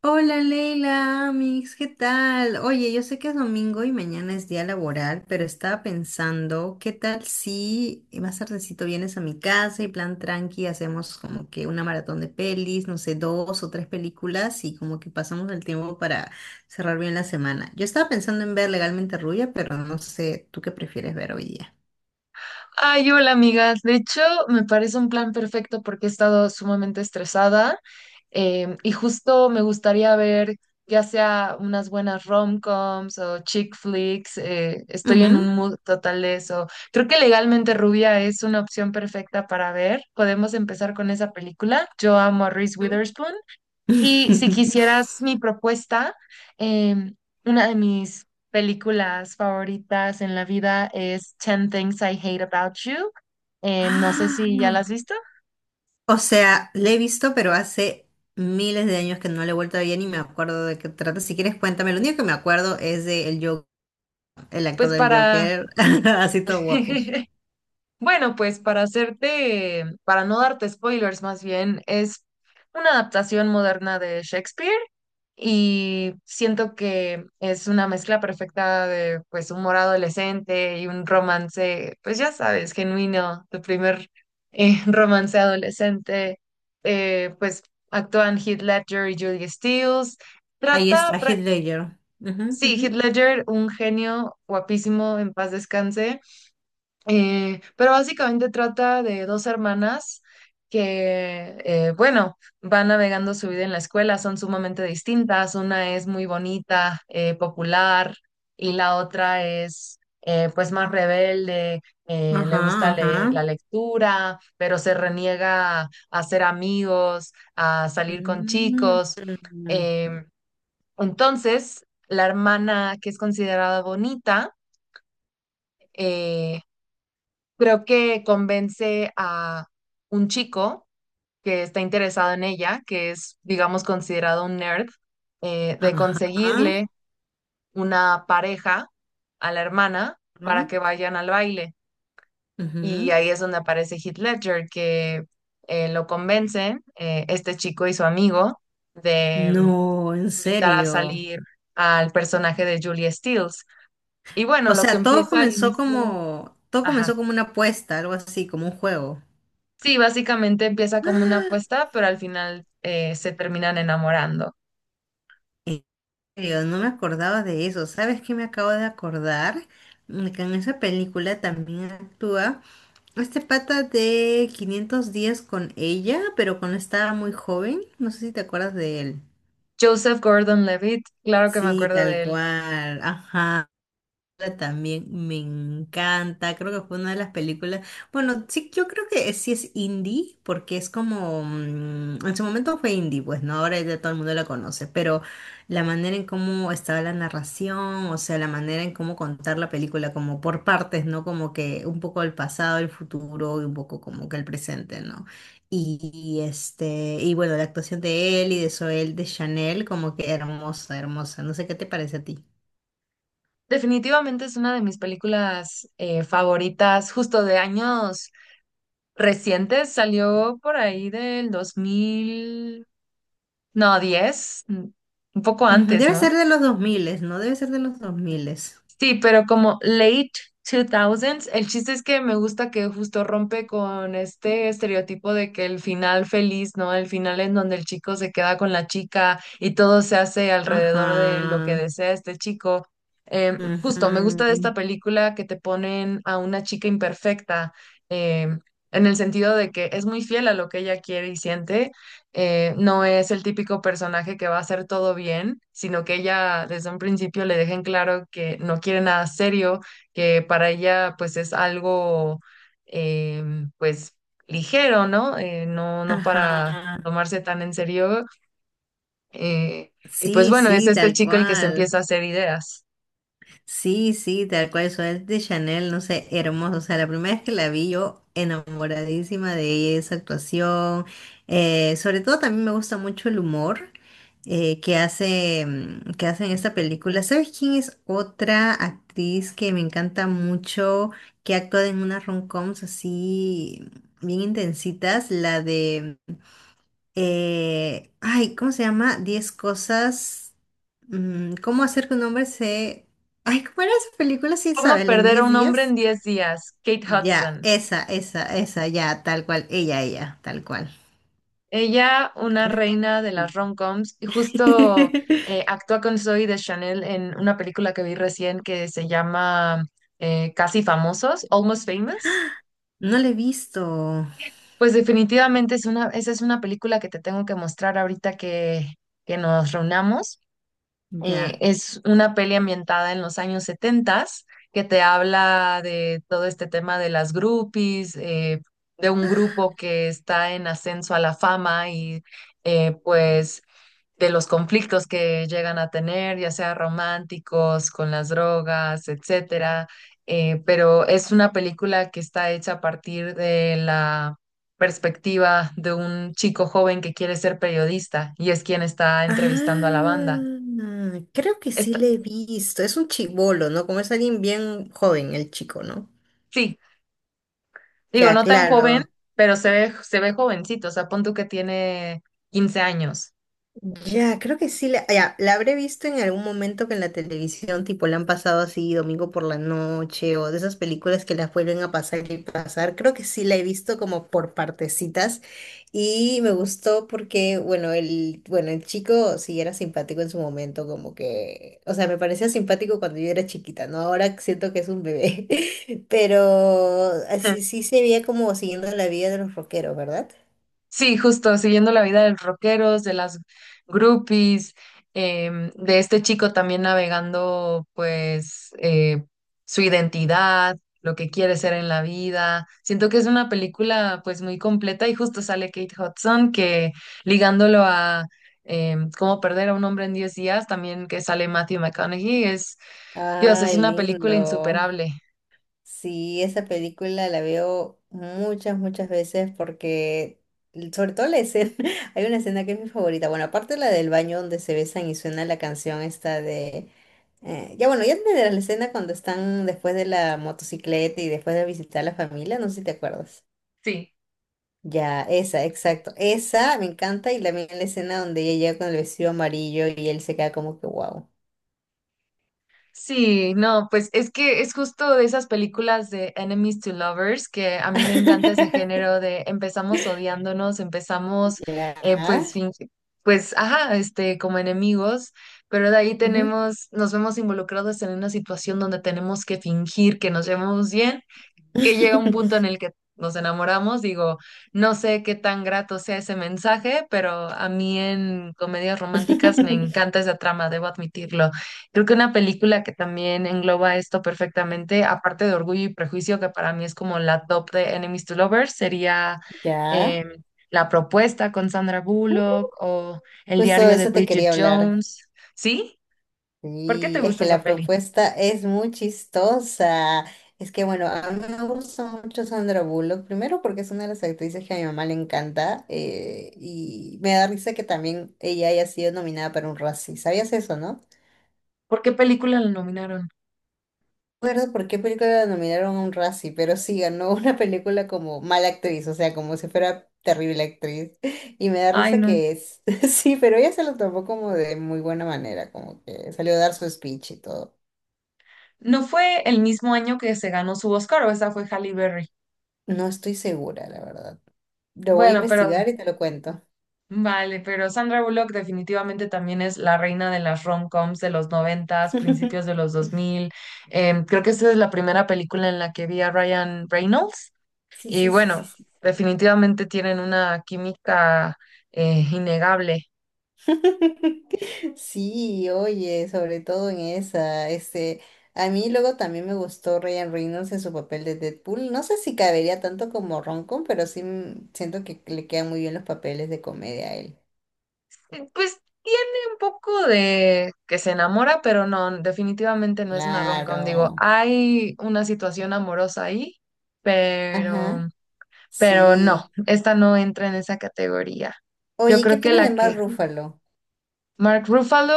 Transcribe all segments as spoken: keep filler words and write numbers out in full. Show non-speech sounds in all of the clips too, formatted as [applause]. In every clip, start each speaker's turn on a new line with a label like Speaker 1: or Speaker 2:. Speaker 1: Hola Leila, Amix, ¿qué tal? Oye, yo sé que es domingo y mañana es día laboral, pero estaba pensando, ¿qué tal si más tardecito vienes a mi casa y plan tranqui, hacemos como que una maratón de pelis, no sé, dos o tres películas y como que pasamos el tiempo para cerrar bien la semana? Yo estaba pensando en ver Legalmente Rubia, pero no sé, ¿tú qué prefieres ver hoy día?
Speaker 2: Ay, hola amigas. De hecho, me parece un plan perfecto porque he estado sumamente estresada, em, y justo me gustaría ver ya sea unas buenas rom-coms o chick flicks. Eh, estoy en
Speaker 1: Ujú,
Speaker 2: un mood total de eso. Creo que Legalmente Rubia es una opción perfecta para ver. Podemos empezar con esa película. Yo amo a Reese Witherspoon, y si
Speaker 1: ujú. [laughs]
Speaker 2: quisieras mi propuesta, em, una de mis películas favoritas en la vida es Ten Things I Hate About You. Em, no sé si
Speaker 1: [gasps]
Speaker 2: ya la has visto.
Speaker 1: O sea, le he visto, pero hace miles de años que no le he vuelto a ver y me acuerdo de qué trata. Si quieres, cuéntame. Lo único que me acuerdo es de el Joker, el actor
Speaker 2: Pues
Speaker 1: del
Speaker 2: para,
Speaker 1: Joker, [laughs] así todo guapo.
Speaker 2: [laughs] bueno, pues para hacerte, para no darte spoilers más bien, es una adaptación moderna de Shakespeare, y siento que es una mezcla perfecta de pues humor adolescente y un romance, pues ya sabes, genuino, tu primer, eh, [laughs] romance adolescente. Eh, pues actúan Heath Ledger y Julia Stiles,
Speaker 1: Ahí
Speaker 2: trata,
Speaker 1: está,
Speaker 2: pra-
Speaker 1: Heath Ledger. Ujú,
Speaker 2: sí, Heath
Speaker 1: ujú.
Speaker 2: Ledger, un genio guapísimo, en paz descanse. Eh, pero básicamente trata de dos hermanas que, eh, bueno, van navegando su vida en la escuela, son sumamente distintas. Una es muy bonita, eh, popular, y la otra es, eh, pues, más rebelde. Eh, le
Speaker 1: Ajá,
Speaker 2: gusta le-
Speaker 1: ajá.
Speaker 2: la lectura, pero se reniega a hacer amigos, a salir con
Speaker 1: Mm,
Speaker 2: chicos. Em, entonces, la hermana que es considerada bonita, eh, creo que convence a un chico que está interesado en ella, que es, digamos, considerado un nerd, eh, de
Speaker 1: ajá. Ajá,
Speaker 2: conseguirle una pareja a la hermana para que vayan al baile. Y
Speaker 1: ujú.
Speaker 2: ahí es donde aparece Heath Ledger, que eh, lo convencen, eh, este chico y su amigo, de
Speaker 1: No, en
Speaker 2: mm, invitar a
Speaker 1: serio.
Speaker 2: salir al personaje de Julia Stiles. Y bueno,
Speaker 1: O
Speaker 2: lo que
Speaker 1: sea, todo
Speaker 2: empieza al
Speaker 1: comenzó
Speaker 2: inicio,
Speaker 1: como, todo
Speaker 2: ajá.
Speaker 1: comenzó como una apuesta, algo así, como un juego.
Speaker 2: Sí, básicamente empieza como una apuesta, pero al final eh, se terminan enamorando.
Speaker 1: Serio, no me acordaba de eso. ¿Sabes qué me acabo de acordar? Mm, Que en esa película también actúa este pata de quinientos días con ella, pero cuando estaba muy joven. No sé si te acuerdas de él.
Speaker 2: Joseph Gordon-Levitt, claro que me
Speaker 1: Sí,
Speaker 2: acuerdo
Speaker 1: tal
Speaker 2: de él.
Speaker 1: cual. Ajá. También me encanta, creo que fue una de las películas. Bueno, sí, yo creo que sí es indie, porque es como, mm, en su momento fue indie, pues no, ahora ya todo el mundo la conoce, pero la manera en cómo estaba la narración, o sea, la manera en cómo contar la película, como por partes, ¿no? Como que un poco el pasado, el futuro y un poco como que el presente, ¿no? Y, y, este, y bueno, la actuación de él y de Zoel de Chanel, como que hermosa, hermosa. No sé qué te parece a ti.
Speaker 2: Definitivamente es una de mis películas eh, favoritas, justo de años recientes. Salió por ahí del dos mil, no, diez, un poco
Speaker 1: Ujú,
Speaker 2: antes,
Speaker 1: debe
Speaker 2: ¿no?
Speaker 1: ser de los dos mil, ¿no? Debe ser de los dos mil.
Speaker 2: Sí, pero como late dos miles, el chiste es que me gusta que justo rompe con este estereotipo de que el final feliz, ¿no? El final en donde el chico se queda con la chica y todo se hace alrededor de lo que
Speaker 1: Ajá.
Speaker 2: desea este chico. Em, justo, me gusta de
Speaker 1: Ujú,
Speaker 2: esta película que te ponen a una chica imperfecta, em, en el sentido de que es muy fiel a lo que ella quiere y siente. Eh, no es el típico personaje que va a hacer todo bien, sino que ella desde un principio le dejen claro que no quiere nada serio, que para ella pues es algo, eh, pues ligero, ¿no? Eh, no, no para
Speaker 1: ajá.
Speaker 2: tomarse tan en serio. eh, y pues
Speaker 1: Sí,
Speaker 2: bueno, es
Speaker 1: sí,
Speaker 2: este
Speaker 1: tal
Speaker 2: chico el que se
Speaker 1: cual.
Speaker 2: empieza a hacer ideas.
Speaker 1: Sí, sí, tal cual, Suárez de Chanel, no sé, hermoso. O sea, la primera vez que la vi yo enamoradísima de ella, de esa actuación. Eh, sobre todo también me gusta mucho el humor eh, que hace, mm, que hace en esta película. ¿Sabes quién es otra actriz que me encanta mucho, que actúa en unas rom-coms así bien intensitas? La de eh, ay, ¿cómo se llama? Diez cosas. Mm, ¿cómo hacer que un hombre se... Ay, ¿cómo era esa película? Sí,
Speaker 2: ¿Cómo
Speaker 1: Isabel, en
Speaker 2: perder a
Speaker 1: diez
Speaker 2: un hombre en
Speaker 1: días.
Speaker 2: diez días? Kate
Speaker 1: Ya,
Speaker 2: Hudson.
Speaker 1: esa, esa, esa, ya, tal cual. Ella, ella, tal cual.
Speaker 2: Ella, una
Speaker 1: ¿Qué te-
Speaker 2: reina de las
Speaker 1: Sí.
Speaker 2: rom-coms, y justo eh,
Speaker 1: [laughs]
Speaker 2: actúa con Zoe de Chanel en una película que vi recién que se llama, eh, Casi Famosos, Almost Famous.
Speaker 1: No la he visto.
Speaker 2: Pues definitivamente es una, esa es una película que te tengo que mostrar ahorita que, que nos reunamos. Eh,
Speaker 1: Ya.
Speaker 2: es una peli ambientada en los años setenta, que te habla de todo este tema de las groupies, eh, de un grupo que está en ascenso a la fama, y eh, pues de los conflictos que llegan a tener, ya sea románticos, con las drogas, etcétera. Eh, pero es una película que está hecha a partir de la perspectiva de un chico joven que quiere ser periodista y es quien está entrevistando a la banda.
Speaker 1: Ah, creo que sí
Speaker 2: Está,
Speaker 1: le he visto. Es un chibolo, ¿no? Como es alguien bien joven, el chico, ¿no?
Speaker 2: sí, digo,
Speaker 1: Ya,
Speaker 2: no tan joven,
Speaker 1: claro.
Speaker 2: pero se ve, se ve jovencito, o sea, pon tú que tiene quince años.
Speaker 1: Ya, creo que sí, la, ya, la habré visto en algún momento que en la televisión, tipo, la han pasado así domingo por la noche o de esas películas que las vuelven a pasar y pasar. Creo que sí la he visto como por partecitas y me gustó porque, bueno, el, bueno, el chico sí era simpático en su momento, como que, o sea, me parecía simpático cuando yo era chiquita, ¿no? Ahora siento que es un bebé, [laughs] pero así
Speaker 2: [laughs]
Speaker 1: sí se veía como siguiendo la vida de los rockeros, ¿verdad?
Speaker 2: Sí, justo, siguiendo la vida de los rockeros, de las groupies, em, de este chico también navegando, pues, eh, su identidad, lo que quiere ser en la vida. Siento que es una película, pues, muy completa, y justo sale Kate Hudson, que ligándolo a em, Cómo perder a un hombre en diez días, también que sale Matthew McConaughey, es, Dios, es
Speaker 1: Ay,
Speaker 2: una película
Speaker 1: lindo.
Speaker 2: insuperable.
Speaker 1: Sí, esa película la veo muchas, muchas veces porque, l- sobre todo la escena, [laughs] hay una escena que es mi favorita. Bueno, aparte la del baño donde se besan y suena la canción esta de... eh, ya bueno, ya entenderás la escena cuando están después de la motocicleta y después de visitar a la familia, no sé si te acuerdas.
Speaker 2: Sí.
Speaker 1: Ya, esa, exacto. Esa me encanta y también la escena donde ella llega con el vestido amarillo y él se queda como que wow.
Speaker 2: Sí, no, pues es que es justo de esas películas de Enemies to Lovers, que a mí me encanta ese
Speaker 1: [laughs]
Speaker 2: género de empezamos odiándonos, empezamos,
Speaker 1: Ya.
Speaker 2: eh, pues, fin- pues, ajá, este, como enemigos, pero de ahí
Speaker 1: Ujú.
Speaker 2: tenemos, nos vemos involucrados en una situación donde tenemos que fingir que nos llevamos bien, que llega un punto en el que nos enamoramos, digo, no sé qué tan grato sea ese mensaje, pero a mí en comedias románticas me
Speaker 1: [laughs]
Speaker 2: encanta esa trama, debo admitirlo. Creo que una película que también engloba esto perfectamente, aparte de Orgullo y Prejuicio, que para mí es como la top de Enemies to Lovers, sería
Speaker 1: Ya,
Speaker 2: em, La Propuesta con Sandra Bullock o El
Speaker 1: justo de
Speaker 2: diario de
Speaker 1: eso te
Speaker 2: Bridget
Speaker 1: quería hablar.
Speaker 2: Jones. ¿Sí? ¿Por qué te
Speaker 1: Y es
Speaker 2: gusta
Speaker 1: que
Speaker 2: esa
Speaker 1: la
Speaker 2: peli?
Speaker 1: propuesta es muy chistosa. Es que bueno, a mí me gusta mucho Sandra Bullock, primero porque es una de las actrices que a mi mamá le encanta, eh, y me da risa que también ella haya sido nominada para un Razzie. ¿Sabías eso, no?
Speaker 2: ¿Por qué película la nominaron?
Speaker 1: Recuerdo por qué película la nominaron a un Razzie, pero sí ganó una película como mala actriz, o sea, como si fuera terrible actriz. Y me da
Speaker 2: Ay,
Speaker 1: risa
Speaker 2: no.
Speaker 1: que es. [laughs] Sí, pero ella se lo tomó como de muy buena manera, como que salió a dar su speech y todo.
Speaker 2: ¿No fue el mismo año que se ganó su Oscar, o esa fue Halle Berry?
Speaker 1: No estoy segura, la verdad. Lo voy a
Speaker 2: Bueno, pero
Speaker 1: investigar y te lo cuento.
Speaker 2: vale, pero Sandra Bullock definitivamente también es la reina de las rom-coms de los noventas, principios de
Speaker 1: [laughs]
Speaker 2: los dos mil. Em, creo que esa es la primera película en la que vi a Ryan Reynolds.
Speaker 1: Sí,
Speaker 2: Y
Speaker 1: sí, sí, sí,
Speaker 2: bueno,
Speaker 1: sí.
Speaker 2: definitivamente tienen una química, eh, innegable.
Speaker 1: [laughs] Sí, oye, sobre todo en esa, este, a mí luego también me gustó Ryan Reynolds en su papel de Deadpool. No sé si cabería tanto como Roncon, pero sí, mm, siento que le quedan muy bien los papeles de comedia a él.
Speaker 2: Eh, Pues tiene un poco de que se enamora, pero no, definitivamente no es una rom-com. Digo,
Speaker 1: Claro.
Speaker 2: hay una situación amorosa ahí, pero,
Speaker 1: Ajá,
Speaker 2: pero no,
Speaker 1: sí.
Speaker 2: esta no entra en esa categoría. Yo
Speaker 1: Oye, ¿qué
Speaker 2: creo que
Speaker 1: opinas de
Speaker 2: la que
Speaker 1: Mark Ruffalo?
Speaker 2: Mark Ruffalo,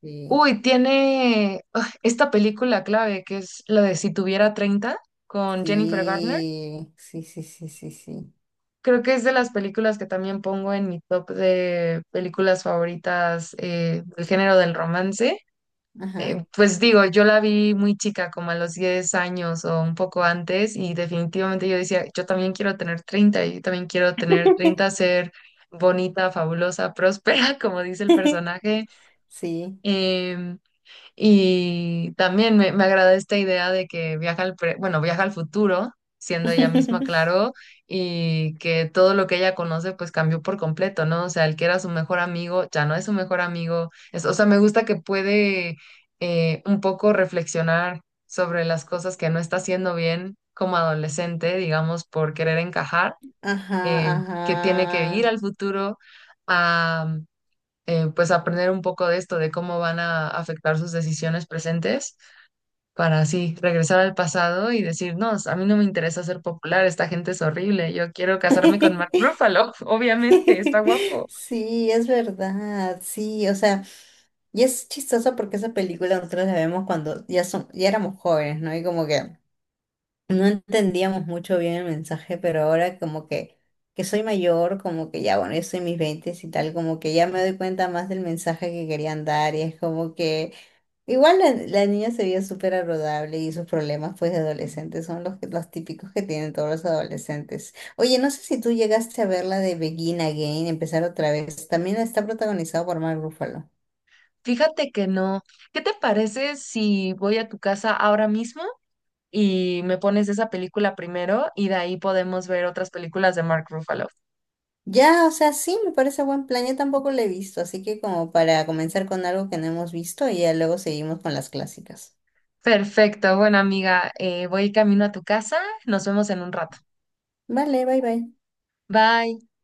Speaker 1: Sí,
Speaker 2: uy, tiene ah, esta película clave, que es la de Si tuviera treinta, con Jennifer Garner.
Speaker 1: sí, sí, sí, sí, sí, sí.
Speaker 2: Creo que es de las películas que también pongo en mi top de películas favoritas, eh, del género del romance.
Speaker 1: Ajá.
Speaker 2: Eh, pues digo, yo la vi muy chica, como a los diez años o un poco antes, y definitivamente yo decía, yo también quiero tener treinta, yo también quiero tener treinta,
Speaker 1: [laughs]
Speaker 2: ser bonita, fabulosa, próspera, [laughs] como dice el personaje.
Speaker 1: Sí.
Speaker 2: em, y también me, me agrada esta idea de que viaja al, pre- bueno, viaja al futuro, siendo ella misma.
Speaker 1: [laughs]
Speaker 2: Claro, y que todo lo que ella conoce pues cambió por completo, ¿no? O sea, el que era su mejor amigo ya no es su mejor amigo. Es, o sea, me gusta que puede eh, un poco reflexionar sobre las cosas que no está haciendo bien como adolescente, digamos, por querer encajar.
Speaker 1: Ajá,
Speaker 2: eh, que tiene que ir
Speaker 1: ajá.
Speaker 2: al futuro, eh, pues aprender un poco de esto, de cómo van a afectar sus decisiones presentes, para así regresar al pasado y decir, no, a mí no me interesa ser popular, esta gente es horrible, yo quiero casarme con Mark
Speaker 1: [laughs]
Speaker 2: Ruffalo, [laughs] obviamente, está
Speaker 1: [laughs]
Speaker 2: guapo.
Speaker 1: Sí, es verdad, sí, o sea, y es chistoso porque esa película nosotros la vemos cuando ya son, ya éramos jóvenes, ¿no? Y como que no entendíamos mucho bien el mensaje, pero ahora como que, que, soy mayor, como que ya, bueno, yo soy mis veintes y tal, como que ya me doy cuenta más del mensaje que querían dar y es como que. Igual la, la niña se veía súper agradable y sus problemas pues de adolescentes son los, que- los típicos que tienen todos los adolescentes. Oye, no sé si tú llegaste a ver la de Begin Again, empezar otra vez. También está protagonizado por Mark Ruffalo.
Speaker 2: Fíjate que no. ¿Qué te parece si voy a tu casa ahora mismo y me pones esa película primero y de ahí podemos ver otras películas de Mark Ruffalo?
Speaker 1: Ya, o sea, sí, me parece buen plan. Yo tampoco la he visto, así que como para comenzar con algo que no hemos visto y ya luego seguimos con las clásicas.
Speaker 2: Perfecto, bueno amiga, eh, voy camino a tu casa, nos vemos en un rato.
Speaker 1: Vale, bye bye.
Speaker 2: Bye.